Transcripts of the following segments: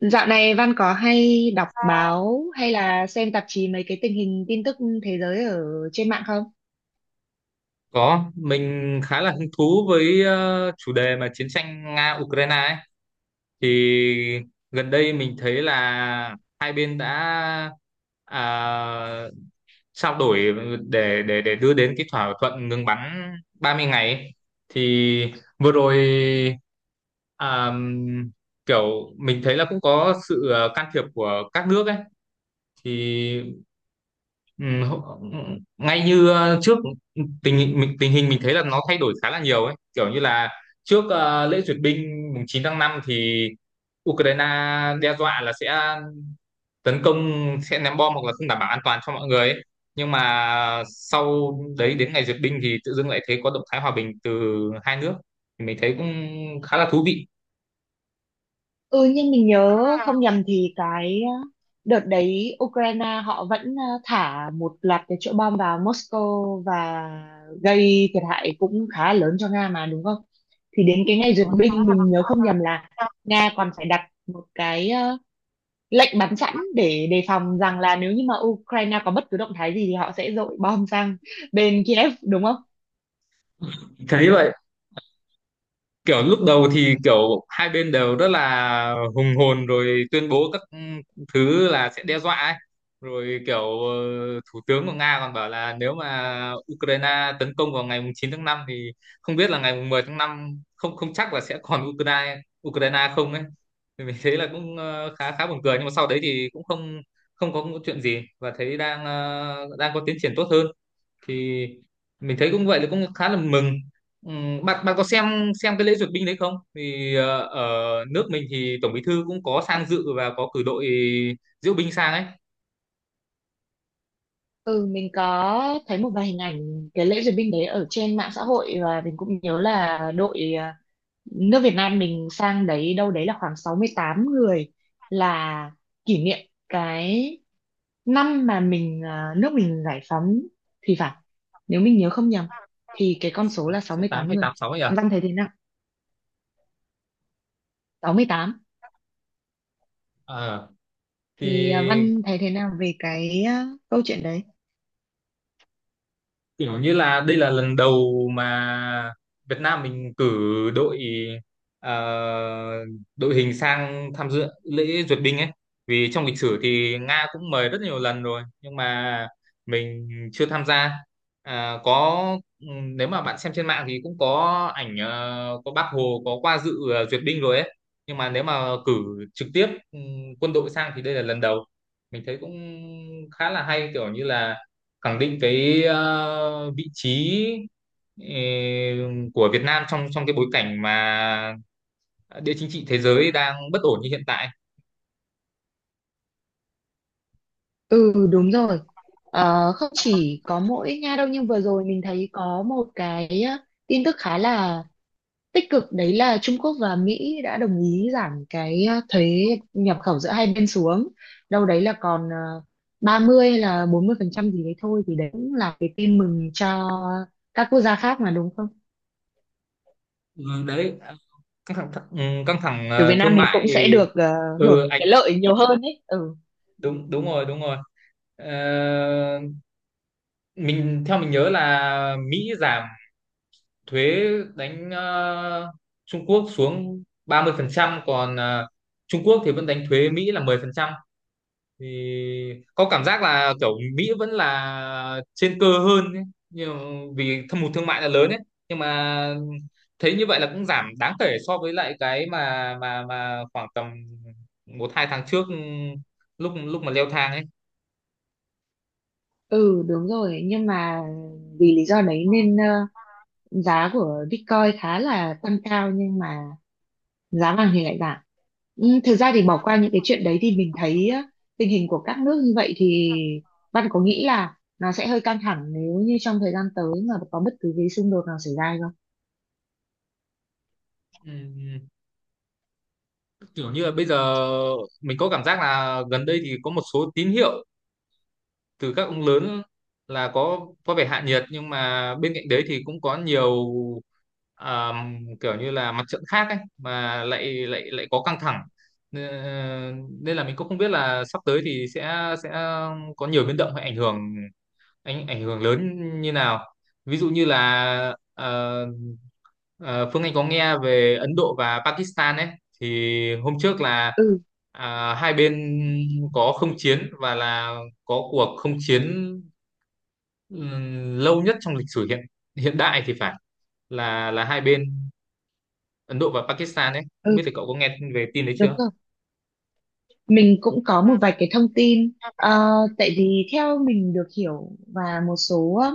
Dạo này Văn có hay đọc báo hay là xem tạp chí mấy cái tình hình tin tức thế giới ở trên mạng không? Có, mình khá là hứng thú với chủ đề mà chiến tranh Nga-Ukraine ấy. Thì gần đây mình thấy là hai bên đã à, trao đổi để đưa đến cái thỏa thuận ngừng bắn 30 ngày ấy. Thì vừa rồi à, kiểu mình thấy là cũng có sự can thiệp của các nước ấy. Thì Ừ, hậu- ừ, ngay như trước tình hình mình thấy là nó thay đổi khá là nhiều ấy, kiểu như là trước lễ duyệt binh mùng 9 tháng 5 thì Ukraine đe dọa là sẽ tấn công, sẽ ném bom hoặc là không đảm bảo an toàn cho mọi người ấy. Nhưng mà sau đấy đến ngày duyệt binh thì tự dưng lại thấy có động thái hòa bình từ hai nước, thì mình thấy cũng khá là thú vị. Ừ, nhưng mình nhớ không nhầm thì cái đợt đấy Ukraine họ vẫn thả một loạt cái chỗ bom vào Moscow và gây thiệt hại cũng khá lớn cho Nga mà đúng không? Thì đến cái ngày duyệt binh mình nhớ không nhầm là Nga còn phải đặt một cái lệnh bắn sẵn để đề phòng rằng là nếu như mà Ukraine có bất cứ động thái gì thì họ sẽ dội bom sang bên Kiev đúng không? Thấy vậy, kiểu lúc đầu thì kiểu hai bên đều rất là hùng hồn rồi tuyên bố các thứ là sẽ đe dọa ấy. Rồi kiểu thủ tướng của Nga còn bảo là nếu mà Ukraine tấn công vào ngày mùng 9 tháng 5 thì không biết là ngày mùng 10 tháng 5 không không chắc là sẽ còn Ukraine Ukraine không ấy. Thì mình thấy là cũng khá khá buồn cười, nhưng mà sau đấy thì cũng không không có chuyện gì và thấy đang có tiến triển tốt hơn, thì mình thấy cũng vậy là cũng khá là mừng. Bạn bạn có xem cái lễ duyệt binh đấy không? Thì ở nước mình thì tổng bí thư cũng có sang dự và có cử đội diễu binh sang ấy. Ừ, mình có thấy một vài hình ảnh cái lễ duyệt binh đấy ở trên mạng xã hội và mình cũng nhớ là đội nước Việt Nam mình sang đấy đâu đấy là khoảng 68 người, là kỷ niệm cái năm mà nước mình giải phóng thì phải. Nếu mình nhớ không nhầm thì cái con số là sáu Số mươi 8 tám hay người. 86 ấy à? Văn thấy thế nào? 68. Ờ, Thì thì Văn thấy thế nào về cái câu chuyện đấy? kiểu như là đây là lần đầu mà Việt Nam mình cử đội ờ, đội hình sang tham dự lễ duyệt binh ấy, vì trong lịch sử thì Nga cũng mời rất nhiều lần rồi nhưng mà mình chưa tham gia. Có, ừ, nếu mà bạn xem trên mạng thì cũng có ảnh, có Bác Hồ có qua dự duyệt binh rồi ấy. Nhưng mà nếu mà cử trực tiếp, quân đội sang thì đây là lần đầu. Mình thấy cũng khá là hay, kiểu như là khẳng định cái vị trí ờ, của Việt Nam trong trong cái bối cảnh mà địa chính trị thế giới đang bất ổn như hiện tại. Ừ, đúng rồi. Không chỉ có mỗi Nga đâu, nhưng vừa rồi mình thấy có một cái tin tức khá là tích cực, đấy là Trung Quốc và Mỹ đã đồng ý giảm cái thuế nhập khẩu giữa hai bên xuống đâu đấy là còn 30 hay là 40% gì đấy thôi, thì đấy cũng là cái tin mừng cho các quốc gia khác mà đúng không, Ừ, đấy, căng thẳng căng thẳng kiểu Việt Nam thương mình mại. cũng sẽ được Ừ, hưởng anh. cái lợi nhiều hơn ấy, ừ. Đúng, đúng rồi, đúng rồi. Ờ, theo mình nhớ là Mỹ giảm thuế đánh Trung Quốc xuống 30%, còn Trung Quốc thì vẫn đánh thuế Mỹ là 10%, thì có cảm giác là kiểu Mỹ vẫn là trên cơ hơn ấy. Nhưng vì thâm hụt thương mại là lớn ấy, nhưng mà thấy như vậy là cũng giảm đáng kể so với lại cái mà khoảng tầm một hai tháng trước, lúc lúc mà leo thang ấy. Ừ, đúng rồi, nhưng mà vì lý do đấy nên giá của Bitcoin khá là tăng cao nhưng mà giá vàng thì lại giảm. Ừ, thực ra thì bỏ qua những cái chuyện đấy thì mình thấy á, tình hình của các nước như vậy thì Văn có nghĩ là nó sẽ hơi căng thẳng nếu như trong thời gian tới mà có bất cứ cái xung đột nào xảy ra hay không? Ừm, kiểu như là bây giờ mình có cảm giác là gần đây thì có một số tín hiệu từ các ông lớn là có vẻ hạ nhiệt, nhưng mà bên cạnh đấy thì cũng có nhiều à, kiểu như là mặt trận khác ấy mà lại lại lại có căng thẳng. Ờ, nên là mình cũng không biết là sắp tới thì sẽ có nhiều biến động hay ảnh hưởng, ảnh ảnh hưởng lớn như nào, ví dụ như là Ờ, Phương Anh có nghe về Ấn Độ và Pakistan ấy, thì hôm trước là Ừ. Hai bên có không chiến và là có cuộc không chiến lâu nhất trong lịch sử hiện hiện đại thì phải, là hai bên Ấn Độ và Pakistan ấy. Không Ừ, biết thì cậu có nghe về tin đấy đúng chưa? rồi. Mình cũng có một vài cái thông tin. Ờ, Tại vì theo mình được hiểu và một số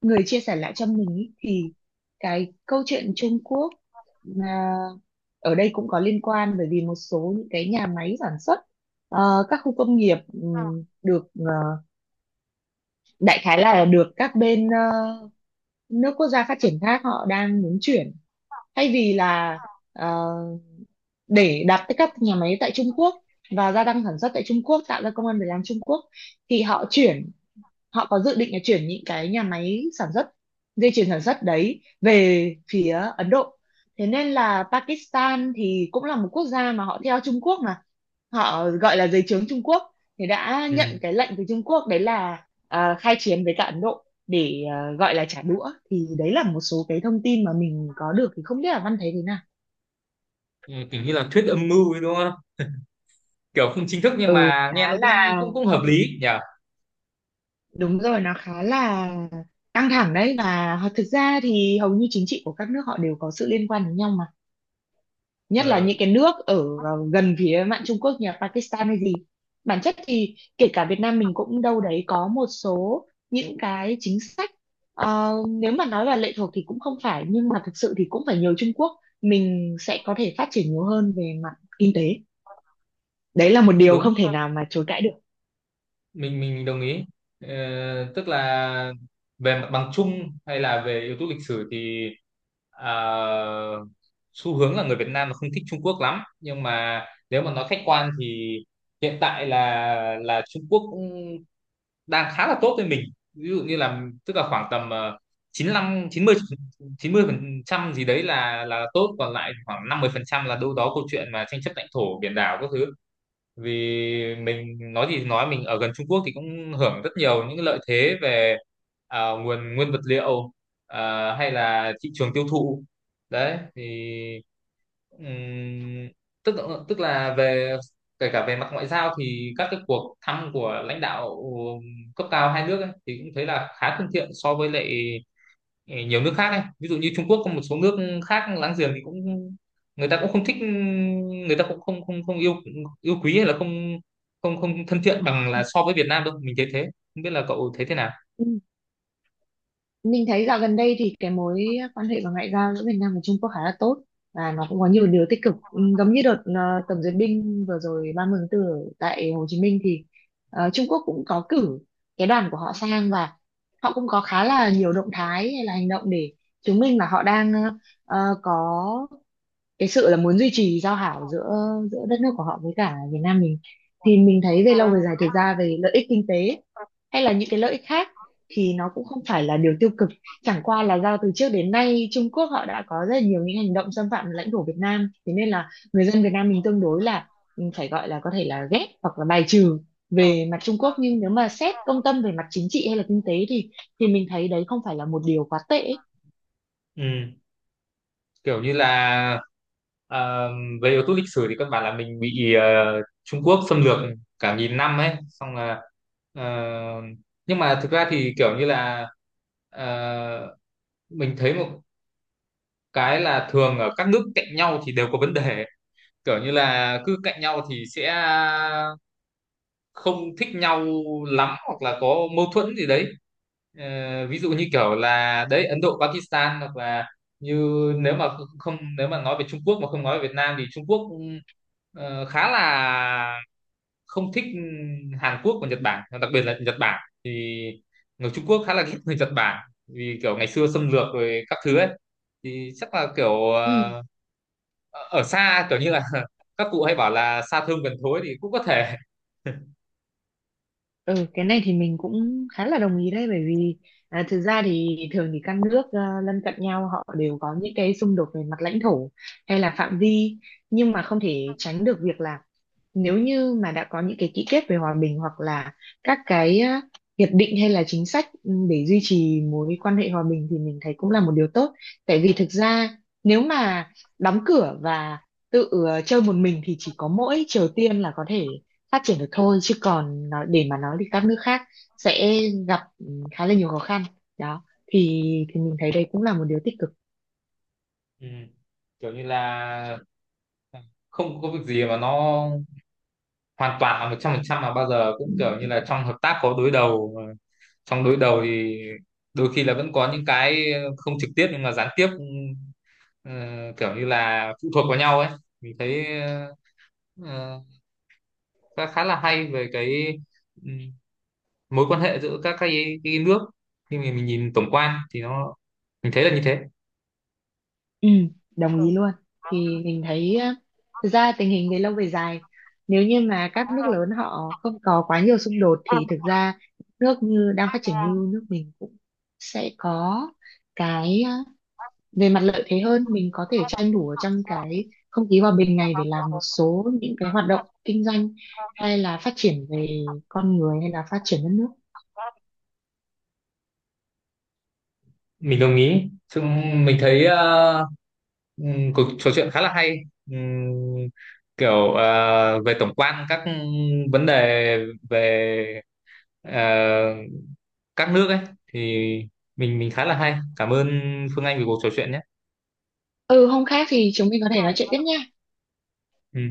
người chia sẻ lại cho mình ý, thì cái câu chuyện Trung Quốc là ở đây cũng có liên quan, bởi vì một số những cái nhà máy sản xuất các khu công nghiệp được đại khái là được các bên nước quốc gia phát triển khác họ đang muốn chuyển, thay vì là ờ, để đặt tới các nhà máy tại Trung Quốc và gia tăng sản xuất tại Trung Quốc, tạo ra công ăn việc làm Trung Quốc, thì họ chuyển, họ có dự định là chuyển những cái nhà máy sản xuất, dây chuyền sản xuất đấy về phía Ấn Độ. Thế nên là Pakistan thì cũng là một quốc gia mà họ theo Trung Quốc, mà họ gọi là dưới trướng Trung Quốc, thì đã Ừ. nhận cái lệnh từ Trung Quốc đấy là khai chiến với cả Ấn Độ để gọi là trả đũa. Thì đấy là một số cái thông tin mà mình có được, thì không biết là Văn thấy thế nào. Ừ, kiểu như là thuyết âm mưu ấy đúng không? Kiểu không chính thức nhưng Ừ, mà nghe khá nó là. cũng cũng cũng hợp lý nhỉ? Đúng rồi, nó khá là căng thẳng đấy, và thực ra thì hầu như chính trị của các nước họ đều có sự liên quan đến nhau mà. Nhất là Ờ, những cái nước ở gần phía mạn Trung Quốc như là Pakistan hay gì. Bản chất thì kể cả Việt Nam mình cũng đâu đấy có một số những cái chính sách nếu mà nói là lệ thuộc thì cũng không phải, nhưng mà thực sự thì cũng phải nhờ Trung Quốc mình sẽ có thể phát triển nhiều hơn về mặt kinh tế. Đấy là một điều đúng. không thể nào mà chối cãi được. Mình đồng ý. Ờ, tức là về mặt bằng chung hay là về yếu tố lịch sử thì à, xu hướng là người Việt Nam là không thích Trung Quốc lắm, nhưng mà nếu mà nói khách quan thì hiện tại là Trung Quốc cũng đang khá là tốt với mình. Ví dụ như là tức là khoảng tầm 95, 90, 90% gì đấy là tốt, còn lại khoảng 50% phần trăm là đâu đó câu chuyện mà tranh chấp lãnh thổ biển đảo các thứ. Vì mình nói gì thì nói mình ở gần Trung Quốc thì cũng hưởng rất nhiều những lợi thế về nguồn nguyên vật liệu, hay là thị trường tiêu thụ đấy. Thì ừm, tức tức là về, kể cả về mặt ngoại giao thì các cái cuộc thăm của lãnh đạo cấp cao hai nước ấy, thì cũng thấy là khá thân thiện so với lại nhiều nước khác ấy. Ví dụ như Trung Quốc có một số nước khác láng giềng thì cũng người ta cũng không thích, người ta cũng không không không yêu yêu quý hay là không không không thân thiện bằng là so với Việt Nam đâu, mình thấy thế. Không biết là cậu thấy thế nào. Mình thấy dạo gần đây thì cái mối quan hệ và ngoại giao giữa Việt Nam và Trung Quốc khá là tốt và nó cũng có nhiều điều tích cực. Ừ, giống như đợt tổng duyệt binh vừa rồi 30 tháng 4 ở tại Hồ Chí Minh thì Trung Quốc cũng có cử cái đoàn của họ sang, và họ cũng có khá là nhiều động thái hay là hành động để chứng minh là họ đang có cái sự là muốn duy trì giao hảo giữa giữa đất nước của họ với cả Việt Nam mình. Thì mình thấy về lâu về dài thực ra về lợi ích kinh tế hay là những cái lợi ích khác thì nó cũng không phải là điều tiêu cực, chẳng qua là do từ trước đến nay Trung Quốc họ đã có rất là nhiều những hành động xâm phạm lãnh thổ Việt Nam, thế nên là người dân Việt Nam mình tương đối là, ừ, phải gọi là có thể là ghét hoặc là bài trừ về mặt Trung Quốc. Nhưng nếu mà xét công tâm về mặt chính trị hay là kinh tế thì mình thấy đấy không phải là một điều quá tệ. Ừ, kiểu như là ờ, về yếu tố lịch sử thì căn bản là mình bị Trung Quốc xâm lược cả nghìn năm ấy, xong là ờ, nhưng mà thực ra thì kiểu như là ờ, mình thấy một cái là thường ở các nước cạnh nhau thì đều có vấn đề, kiểu như là cứ cạnh nhau thì sẽ không thích nhau lắm hoặc là có mâu thuẫn gì đấy. Ờ, ví dụ như kiểu là đấy Ấn Độ Pakistan hoặc là như, nếu mà không nếu mà nói về Trung Quốc mà không nói về Việt Nam thì Trung Quốc khá là không thích Hàn Quốc và Nhật Bản, đặc biệt là Nhật Bản, thì người Trung Quốc khá là ghét người Nhật Bản vì kiểu ngày xưa xâm lược rồi các thứ ấy. Thì chắc là kiểu Ừ. Ở xa, kiểu như là các cụ hay bảo là xa thơm gần thối thì cũng có thể. Ừ, cái này thì mình cũng khá là đồng ý đấy, bởi vì thực ra thì thường thì các nước lân cận nhau họ đều có những cái xung đột về mặt lãnh thổ hay là phạm vi, nhưng mà không thể tránh được việc là nếu như mà đã có những cái ký kết về hòa bình hoặc là các cái hiệp định hay là chính sách để duy trì mối quan hệ hòa bình, thì mình thấy cũng là một điều tốt. Tại vì thực ra nếu mà đóng cửa và tự chơi một mình thì chỉ có mỗi Triều Tiên là có thể phát triển được thôi, chứ còn nó, để mà nói thì các nước khác sẽ gặp, ừ, khá là nhiều khó khăn đó. Thì mình thấy đấy cũng là một điều tích cực. Ừ, kiểu như là không có việc gì mà nó hoàn toàn là 100%, mà bao giờ cũng kiểu như là trong hợp tác có đối đầu, mà trong đối đầu thì đôi khi là vẫn có những cái không trực tiếp nhưng mà gián tiếp, ừ, kiểu như là phụ thuộc vào nhau ấy. Mình thấy ờ, khá khá là hay về cái ừm, mối quan hệ giữa các cái nước, khi mà mình nhìn tổng quan thì nó, mình thấy là như thế. Ừ, đồng ý luôn. Thì mình thấy thực ra tình hình về lâu về dài nếu như mà các nước lớn họ không có quá nhiều xung đột thì thực ra nước như đang phát triển như nước mình cũng sẽ có cái về mặt lợi thế hơn, mình có thể tranh thủ ở trong cái không khí hòa bình này để làm một số những cái hoạt động kinh doanh hay là phát triển về con người hay là phát triển đất nước. Mình đồng ý, chúng mình thấy cuộc trò chuyện khá là hay. Ừm, kiểu về tổng quan các vấn đề về ờ, các nước ấy, thì mình khá là hay, cảm ơn Phương Anh vì cuộc trò chuyện nhé. Ừ, hôm khác thì chúng mình có thể nói chuyện tiếp nha. Ừ.